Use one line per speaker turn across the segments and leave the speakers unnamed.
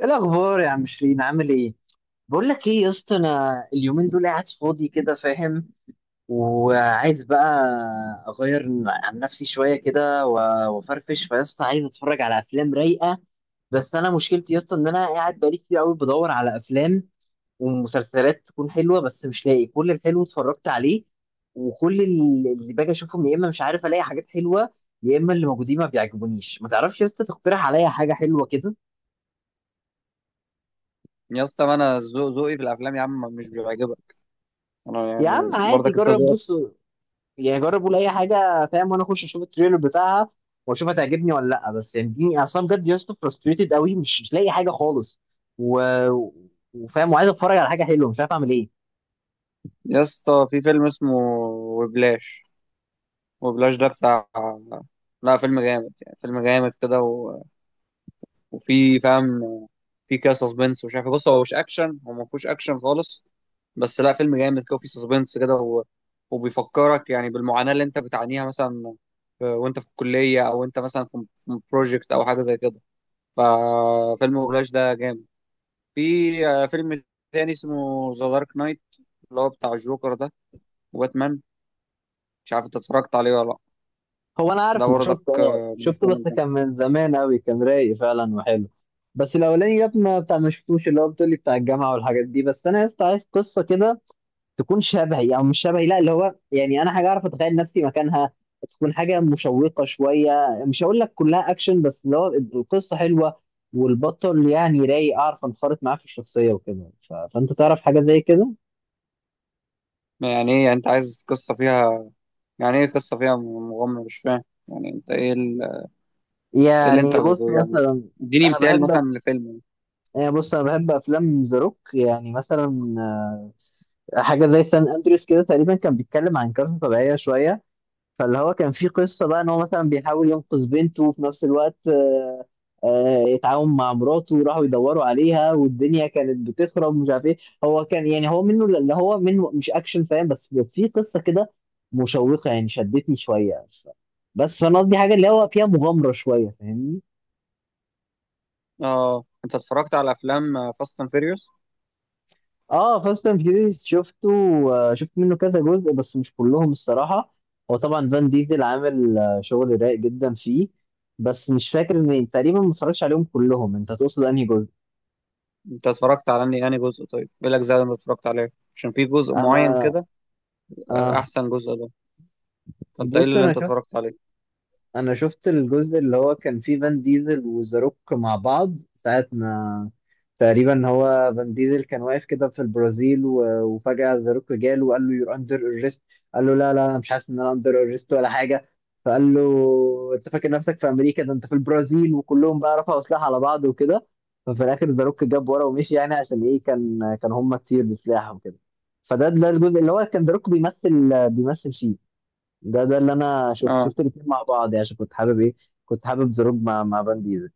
ايه الاخبار يا عم شيرين؟ عامل ايه؟ بقول لك ايه يا اسطى، انا اليومين دول قاعد فاضي كده، فاهم، وعايز بقى اغير عن نفسي شويه كده وافرفش، فيا اسطى عايز اتفرج على افلام رايقه. بس انا مشكلتي يا اسطى ان انا قاعد بقالي كتير قوي بدور على افلام ومسلسلات تكون حلوه، بس مش لاقي، كل الحلو اتفرجت عليه، وكل اللي باجي اشوفهم يا اما مش عارف الاقي حاجات حلوه، يا اما اللي موجودين ما بيعجبونيش. ما تعرفش يا اسطى تقترح عليا حاجه حلوه كده؟
يا اسطى ما انا ذوقي في الافلام يا عم مش بيعجبك. انا
يا عم
يعني
عادي،
برضك انت
جرب،
ذوقك.
بص، يعني جرب قول اي حاجه، فاهم، وانا اخش اشوف التريلر بتاعها واشوف هتعجبني ولا لا، بس يعني اديني اصلا بجد يا اسطى فرستريتد قوي، مش لاقي حاجه خالص و... وفاهم، وعايز اتفرج على حاجه حلوه مش عارف اعمل ايه.
يا اسطى في فيلم اسمه وبلاش. ده بتاع، لا فيلم جامد يعني فيلم جامد كده وفي فاهم، في كده سسبنس ومش عارف إيه. بص هو مش اكشن هو ما فيهوش اكشن خالص، بس لا فيلم جامد كده وفي سسبنس كده وبيفكرك يعني بالمعاناة اللي انت بتعانيها مثلا، وانت في الكلية او انت مثلا في بروجكت او حاجة زي كده. ففيلم وبلاش ده جامد. في فيلم تاني اسمه ذا دارك نايت، اللي هو بتاع الجوكر ده وباتمان. مش عارف انت اتفرجت عليه ولا لا.
هو انا
ده
عارفه،
برضك
شفته، اه
من
شفته،
الافلام
بس
الجامده.
كان من زمان قوي، كان رايق فعلا وحلو. بس الاولاني يا ابني ما بتاع، ما شفتوش، اللي هو بتقولي بتاع الجامعه والحاجات دي، بس انا يا اسطى عايز قصه كده تكون شبهي او مش شبهي، لا اللي هو يعني انا حاجه اعرف اتخيل نفسي مكانها، تكون حاجه مشوقه شويه، مش هقول لك كلها اكشن، بس اللي هو القصه حلوه والبطل يعني رايق، اعرف انخرط معاه في الشخصيه وكده، فانت تعرف حاجه زي كده.
يعني ايه، يعني انت عايز قصه فيها؟ يعني ايه قصه فيها مغامره؟ مش فاهم يعني انت ايه ايه اللي انت
يعني بص
يعني
مثلا،
اديني
انا
مثال
بحب
مثلا لفيلم.
انا بحب افلام ذا روك، يعني مثلا حاجه زي سان اندريس كده، تقريبا كان بيتكلم عن كارثه طبيعيه شويه، فاللي هو كان في قصه بقى ان هو مثلا بيحاول ينقذ بنته، وفي نفس الوقت يتعاون مع مراته، وراحوا يدوروا عليها، والدنيا كانت بتخرب مش عارف ايه. هو كان، يعني هو منه، اللي هو منه مش اكشن، فاهم، بس في قصه كده مشوقه يعني شدتني شويه، بس فانا قصدي حاجه اللي هو فيها مغامره شويه، فاهمني.
اه، انت اتفرجت على افلام فاست اند فيريوس؟
اه فاست اند فيوريوس شفته، آه، شفت منه كذا جزء بس مش كلهم الصراحه، هو طبعا فان ديزل عامل شغل رايق جدا فيه، بس مش فاكر ان تقريبا ما اتفرجتش عليهم كلهم، انت تقصد انهي جزء؟
انت اتفرجت على اني يعني جزء؟ طيب ايه الاجزاء اللي انت اتفرجت عليها؟ عشان في جزء
انا،
معين كده،
اه،
احسن جزء ده. فانت ايه
بص
اللي انت اتفرجت عليه؟
انا شفت الجزء اللي هو كان فيه فان ديزل وذا روك مع بعض، ساعة ما تقريبا هو فان ديزل كان واقف كده في البرازيل وفجأة ذا روك جاله وقال له يور اندر اريست، قال له لا لا انا مش حاسس ان انا اندر اريست ولا حاجة، فقال له انت فاكر نفسك في امريكا؟ ده انت في البرازيل، وكلهم بقى رفعوا سلاح على بعض وكده، ففي الاخر ذا روك جاب ورا ومشي، يعني عشان ايه؟ كان هم كتير بسلاح وكده، فده الجزء اللي هو كان ذا روك بيمثل بيمثل فيه. ده اللي انا
اه،
شفت الاثنين مع بعض، يعني عشان كنت حابب ايه، كنت حابب زروب مع فان ديزل،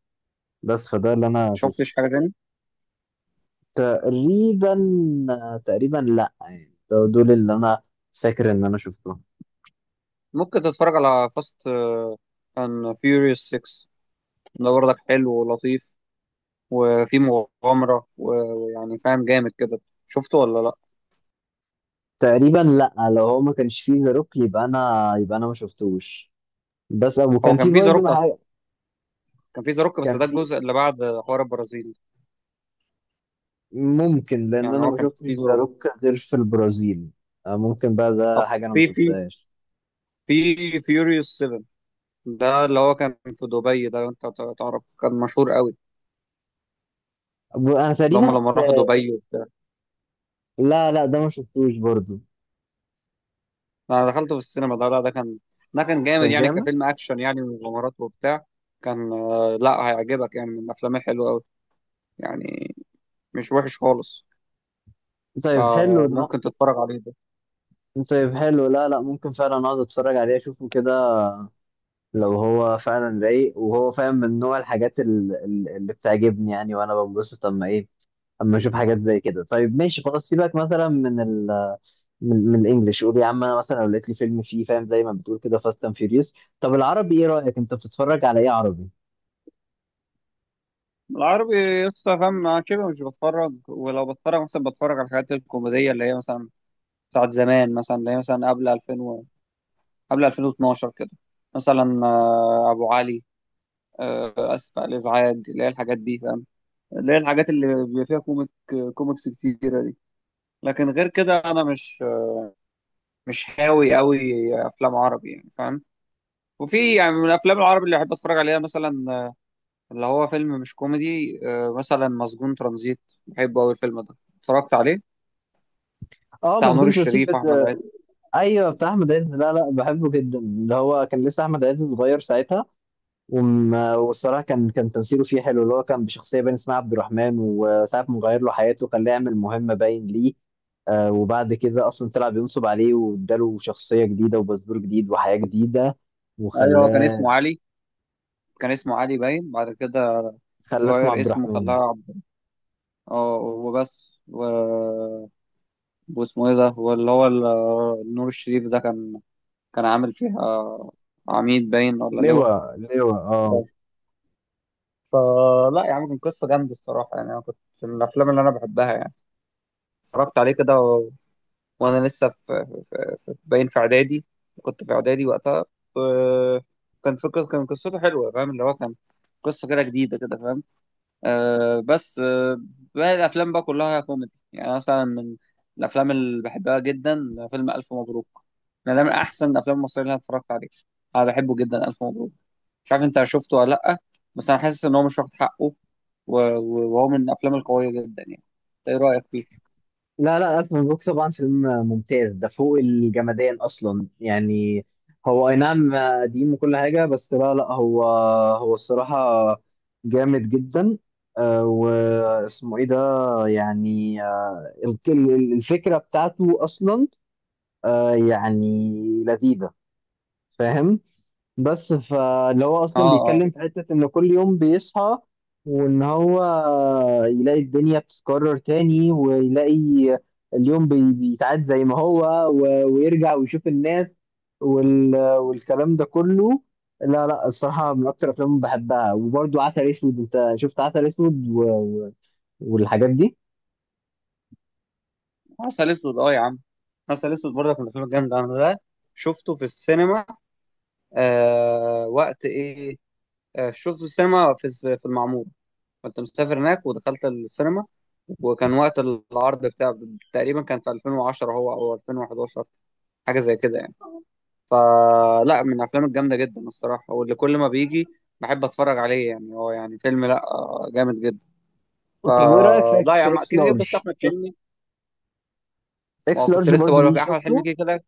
بس فده اللي انا
شفتش
شفته.
حاجه تاني؟
تقريبا تقريبا لا، يعني دول اللي انا فاكر ان انا شفتهم.
ممكن تتفرج على فاست اند فيوريوس 6، ده برضك حلو ولطيف وفي مغامرة ويعني فاهم جامد كده. شفته ولا لا؟
تقريبا لا، لو هو ما كانش فيه زروك يبقى انا ما شفتوش، بس
هو
وكان في
كان في زاروك
برضه
اصلا؟
حاجه.
كان في زاروك بس
كان
ده
في.
الجزء اللي بعد حوار البرازيل.
ممكن، لان
يعني
انا
هو
ما
كان
شفتش
في زاروك.
زاروك غير في البرازيل. آه، ممكن بقى، ده
طب
حاجه انا ما
في في
شفتهاش.
في فيوريوس 7، ده اللي هو كان في دبي ده، انت تعرف كان مشهور قوي،
انا
اللي هم
تقريبا.
لما راحوا دبي.
لا لا ده ما شفتوش برضه.
انا دخلته في السينما ده. لا ده كان، ده كان جامد
كان
يعني
جامد.
كفيلم اكشن يعني ومغامرات وبتاع. كان لا هيعجبك يعني، من الافلام الحلوه قوي يعني، مش وحش خالص.
طيب حلو ده.
فممكن تتفرج عليه ده.
طيب حلو، لا لا ممكن فعلا اقعد اتفرج عليه اشوفه كده، لو هو فعلا رايق، وهو فاهم من نوع الحاجات اللي بتعجبني يعني، وانا بنبسط اما اشوف حاجات زي كده. طيب ماشي خلاص، سيبك مثلا من الانجليش، قول يا عم، انا مثلا لو لقيت لي فيلم فيه فاهم زي ما بتقول كده، فاست اند فيوريوس. طب العربي ايه رايك؟ انت بتتفرج على ايه عربي؟
العربي لسه فاهم، أنا شبه مش بتفرج، ولو بتفرج مثلا بتفرج على الحاجات الكوميديه اللي هي مثلا بتاعت زمان، مثلا اللي هي مثلا قبل 2000 قبل 2012 كده، مثلا ابو علي، اسف على الازعاج، اللي هي الحاجات دي فاهم، اللي هي الحاجات اللي بيبقى فيها كوميك كوميكس كتيره دي. لكن غير كده انا مش هاوي قوي افلام عربي يعني فاهم. وفي يعني من الافلام العربي اللي بحب اتفرج عليها، مثلا اللي هو فيلم مش كوميدي، مثلا مسجون ترانزيت، بحبه قوي الفيلم ده، اتفرجت عليه،
اه،
بتاع
ما
نور
تكونش رسيب
الشريف واحمد عز.
ايوه بتاع احمد عز، لا لا بحبه جدا، اللي هو كان لسه احمد عز صغير ساعتها، والصراحه كان تمثيله فيه حلو، اللي هو كان بشخصيه باين اسمها عبد الرحمن، وساعه ما غير له حياته خلاه يعمل مهمه باين ليه، وبعد كده اصلا طلع بينصب عليه واداله شخصيه جديده وباسبور جديد وحياه جديده،
ايوه، هو كان
وخلاه،
اسمه علي، كان اسمه علي باين بعد كده
خلاه اسمه
غير
عبد
اسمه
الرحمن.
خلاه عبد. اه وبس واسمه ايه ده، واللي هو نور الشريف ده كان كان عامل فيها عميد باين ولا لواء.
لواء لواء، اه.
فلا يا عم كان قصة جامدة الصراحة يعني، أنا كنت من الأفلام اللي أنا بحبها يعني. اتفرجت عليه كده وانا لسه في, باين في اعدادي، كنت في اعدادي وقتها. آه، كان فكرة، كان قصته حلوه فاهم، اللي هو كان قصه كده جديده كده فاهم. آه بس آه باقي الافلام بقى كلها كوميدي، يعني مثلا من الافلام اللي بحبها جدا فيلم الف مبروك. انا ده من احسن الافلام المصريه اللي انا اتفرجت عليها. انا بحبه جدا الف مبروك. مش عارف انت شفته ولا لا، بس انا حاسس ان هو مش واخد حقه، وهو من الافلام القويه جدا يعني. إنت ايه رايك فيه؟
لا لا ألف مبروك طبعا فيلم ممتاز، ده فوق الجمدان أصلا يعني، هو أي نعم قديم وكل حاجة، بس لا لا هو الصراحة جامد جدا، واسمه إيه ده، يعني الفكرة بتاعته أصلا يعني لذيذة، فاهم، بس فاللي هو
اه،
اصلا
اه.
بيتكلم في حته ان كل يوم بيصحى، وان هو يلاقي الدنيا بتتكرر تاني ويلاقي اليوم بيتعاد زي ما هو، ويرجع ويشوف الناس والكلام ده كله، لا لا الصراحه من اكتر الافلام اللي بحبها، وبرده عسل اسود، انت شفت عسل اسود والحاجات دي.
عسل اسود، اه يا عم، عسل اسود برضك من الافلام الجامده، انا ده شفته في السينما. وقت ايه؟ شفته في السينما في في المعموره. كنت مسافر هناك ودخلت السينما، وكان وقت العرض بتاع تقريبا كان في 2010 هو او 2011، حاجه زي كده يعني. فلا من الافلام الجامده جدا الصراحه، واللي كل ما بيجي بحب اتفرج عليه يعني هو، يعني فيلم لا جامد جدا.
طب وايه رايك
فلا
في
يا عم
اكس
كده كده
لارج؟
بس احمد
شفت
حلمي. ما
اكس
هو كنت
لارج
لسه
برضه؟
بقول
ليه
لك، احمد حلمي
شفته؟
كده كده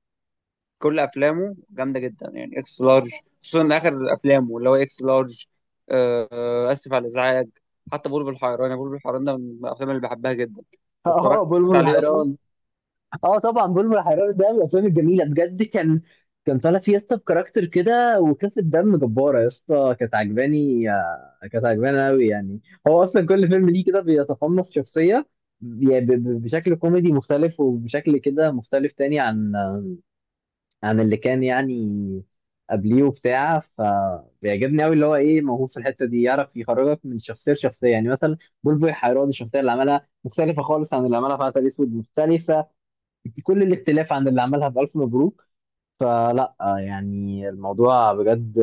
كل افلامه جامده جدا يعني، اكس لارج خصوصا اخر افلامه اللي هو اكس لارج. اسف على الازعاج. حتى بلبل الحيران، بلبل الحيران ده من الافلام اللي بحبها جدا،
اه،
اتفرجت
بلبل
عليه اصلا.
حيران. اه طبعا بلبل حيران ده من الافلام الجميله بجد، كان طالع فيه يا اسطى بكاركتر كده وخفه دم جباره يا اسطى، كانت عجباني قوي يعني، هو اصلا كل فيلم ليه كده بيتقمص شخصيه، يعني بشكل كوميدي مختلف وبشكل كده مختلف تاني عن اللي كان يعني قبليه وبتاع، فبيعجبني قوي اللي هو ايه، موهوب في الحته دي، يعرف يخرجك من شخصيه لشخصيه، يعني مثلا بلبل حيران الشخصيه اللي عملها مختلفه خالص عن اللي عملها في عسل اسود، مختلفه كل الاختلاف عن اللي عملها في ألف مبروك، فلا يعني الموضوع بجد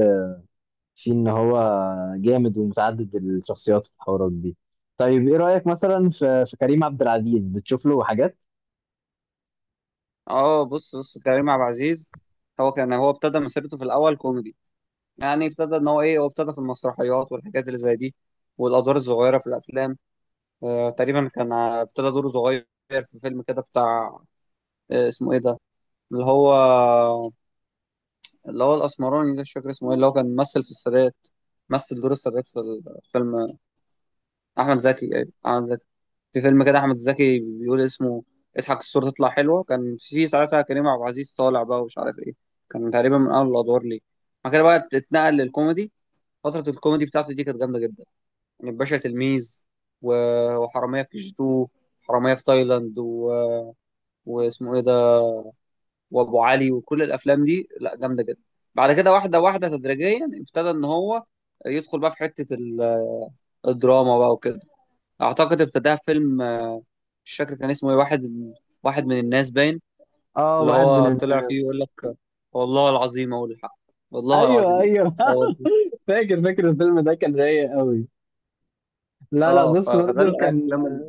فيه إن هو جامد ومتعدد الشخصيات والحوارات دي. طيب إيه رأيك مثلا في كريم عبد العزيز؟ بتشوف له حاجات؟
اه بص بص كريم عبد العزيز، هو كان هو ابتدى مسيرته في الاول كوميدي، يعني ابتدى ان هو ايه، هو ابتدى في المسرحيات والحاجات اللي زي دي والادوار الصغيره في الافلام. تقريبا كان ابتدى دوره صغير في فيلم كده بتاع، اسمه ايه ده، اللي هو اللي هو الاسمراني ده مش فاكر اسمه ايه، اللي هو كان ممثل في السادات، مثل دور السادات في فيلم احمد زكي. ايوه احمد زكي، في فيلم كده احمد زكي بيقول اسمه اضحك الصورة تطلع حلوة، كان في ساعتها كريم عبد العزيز طالع بقى ومش عارف ايه. كان تقريبا من اول الادوار ليه. بعد كده بقى اتنقل للكوميدي. فترة الكوميدي بتاعته دي كانت جامدة جدا، يعني باشا تلميذ وحرامية في كي جي 2، حرامية في تايلاند واسمه ايه ده، وابو علي، وكل الافلام دي لا جامده جدا. بعد كده واحده واحده تدريجيا ابتدى ان هو يدخل بقى في حته الدراما بقى وكده. اعتقد ابتداها في فيلم مش فاكر كان اسمه ايه، واحد، واحد من الناس باين.
آه
اللي
واحد من
هو طلع فيه يقول
الناس.
لك والله العظيم اقول الحق، والله
أيوه
العظيم
أيوه
اقول الحق.
فاكر فاكر الفيلم ده، كان رايق قوي. لا لا
اه
بص
فده
برضه كان،
الافلام اللي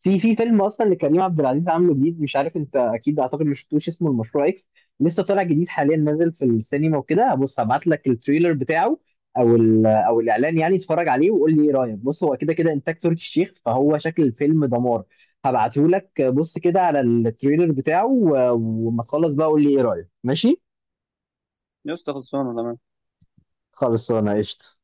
في فيلم اصلا لكريم عبد العزيز عامله جديد، مش عارف انت اكيد، اعتقد ما شفتوش، اسمه المشروع اكس، لسه طالع جديد حاليا نازل في السينما وكده، بص هبعت لك التريلر بتاعه او الاعلان يعني، اتفرج عليه وقول لي ايه رايك، بص هو كده كده انتاج تركي الشيخ، فهو شكل الفيلم دمار، هبعته لك بص كده على التريلر بتاعه، وما تخلص بقى قول لي ايه رايك، ماشي.
يسطا خلصانه تمام
خلص انا قشطه.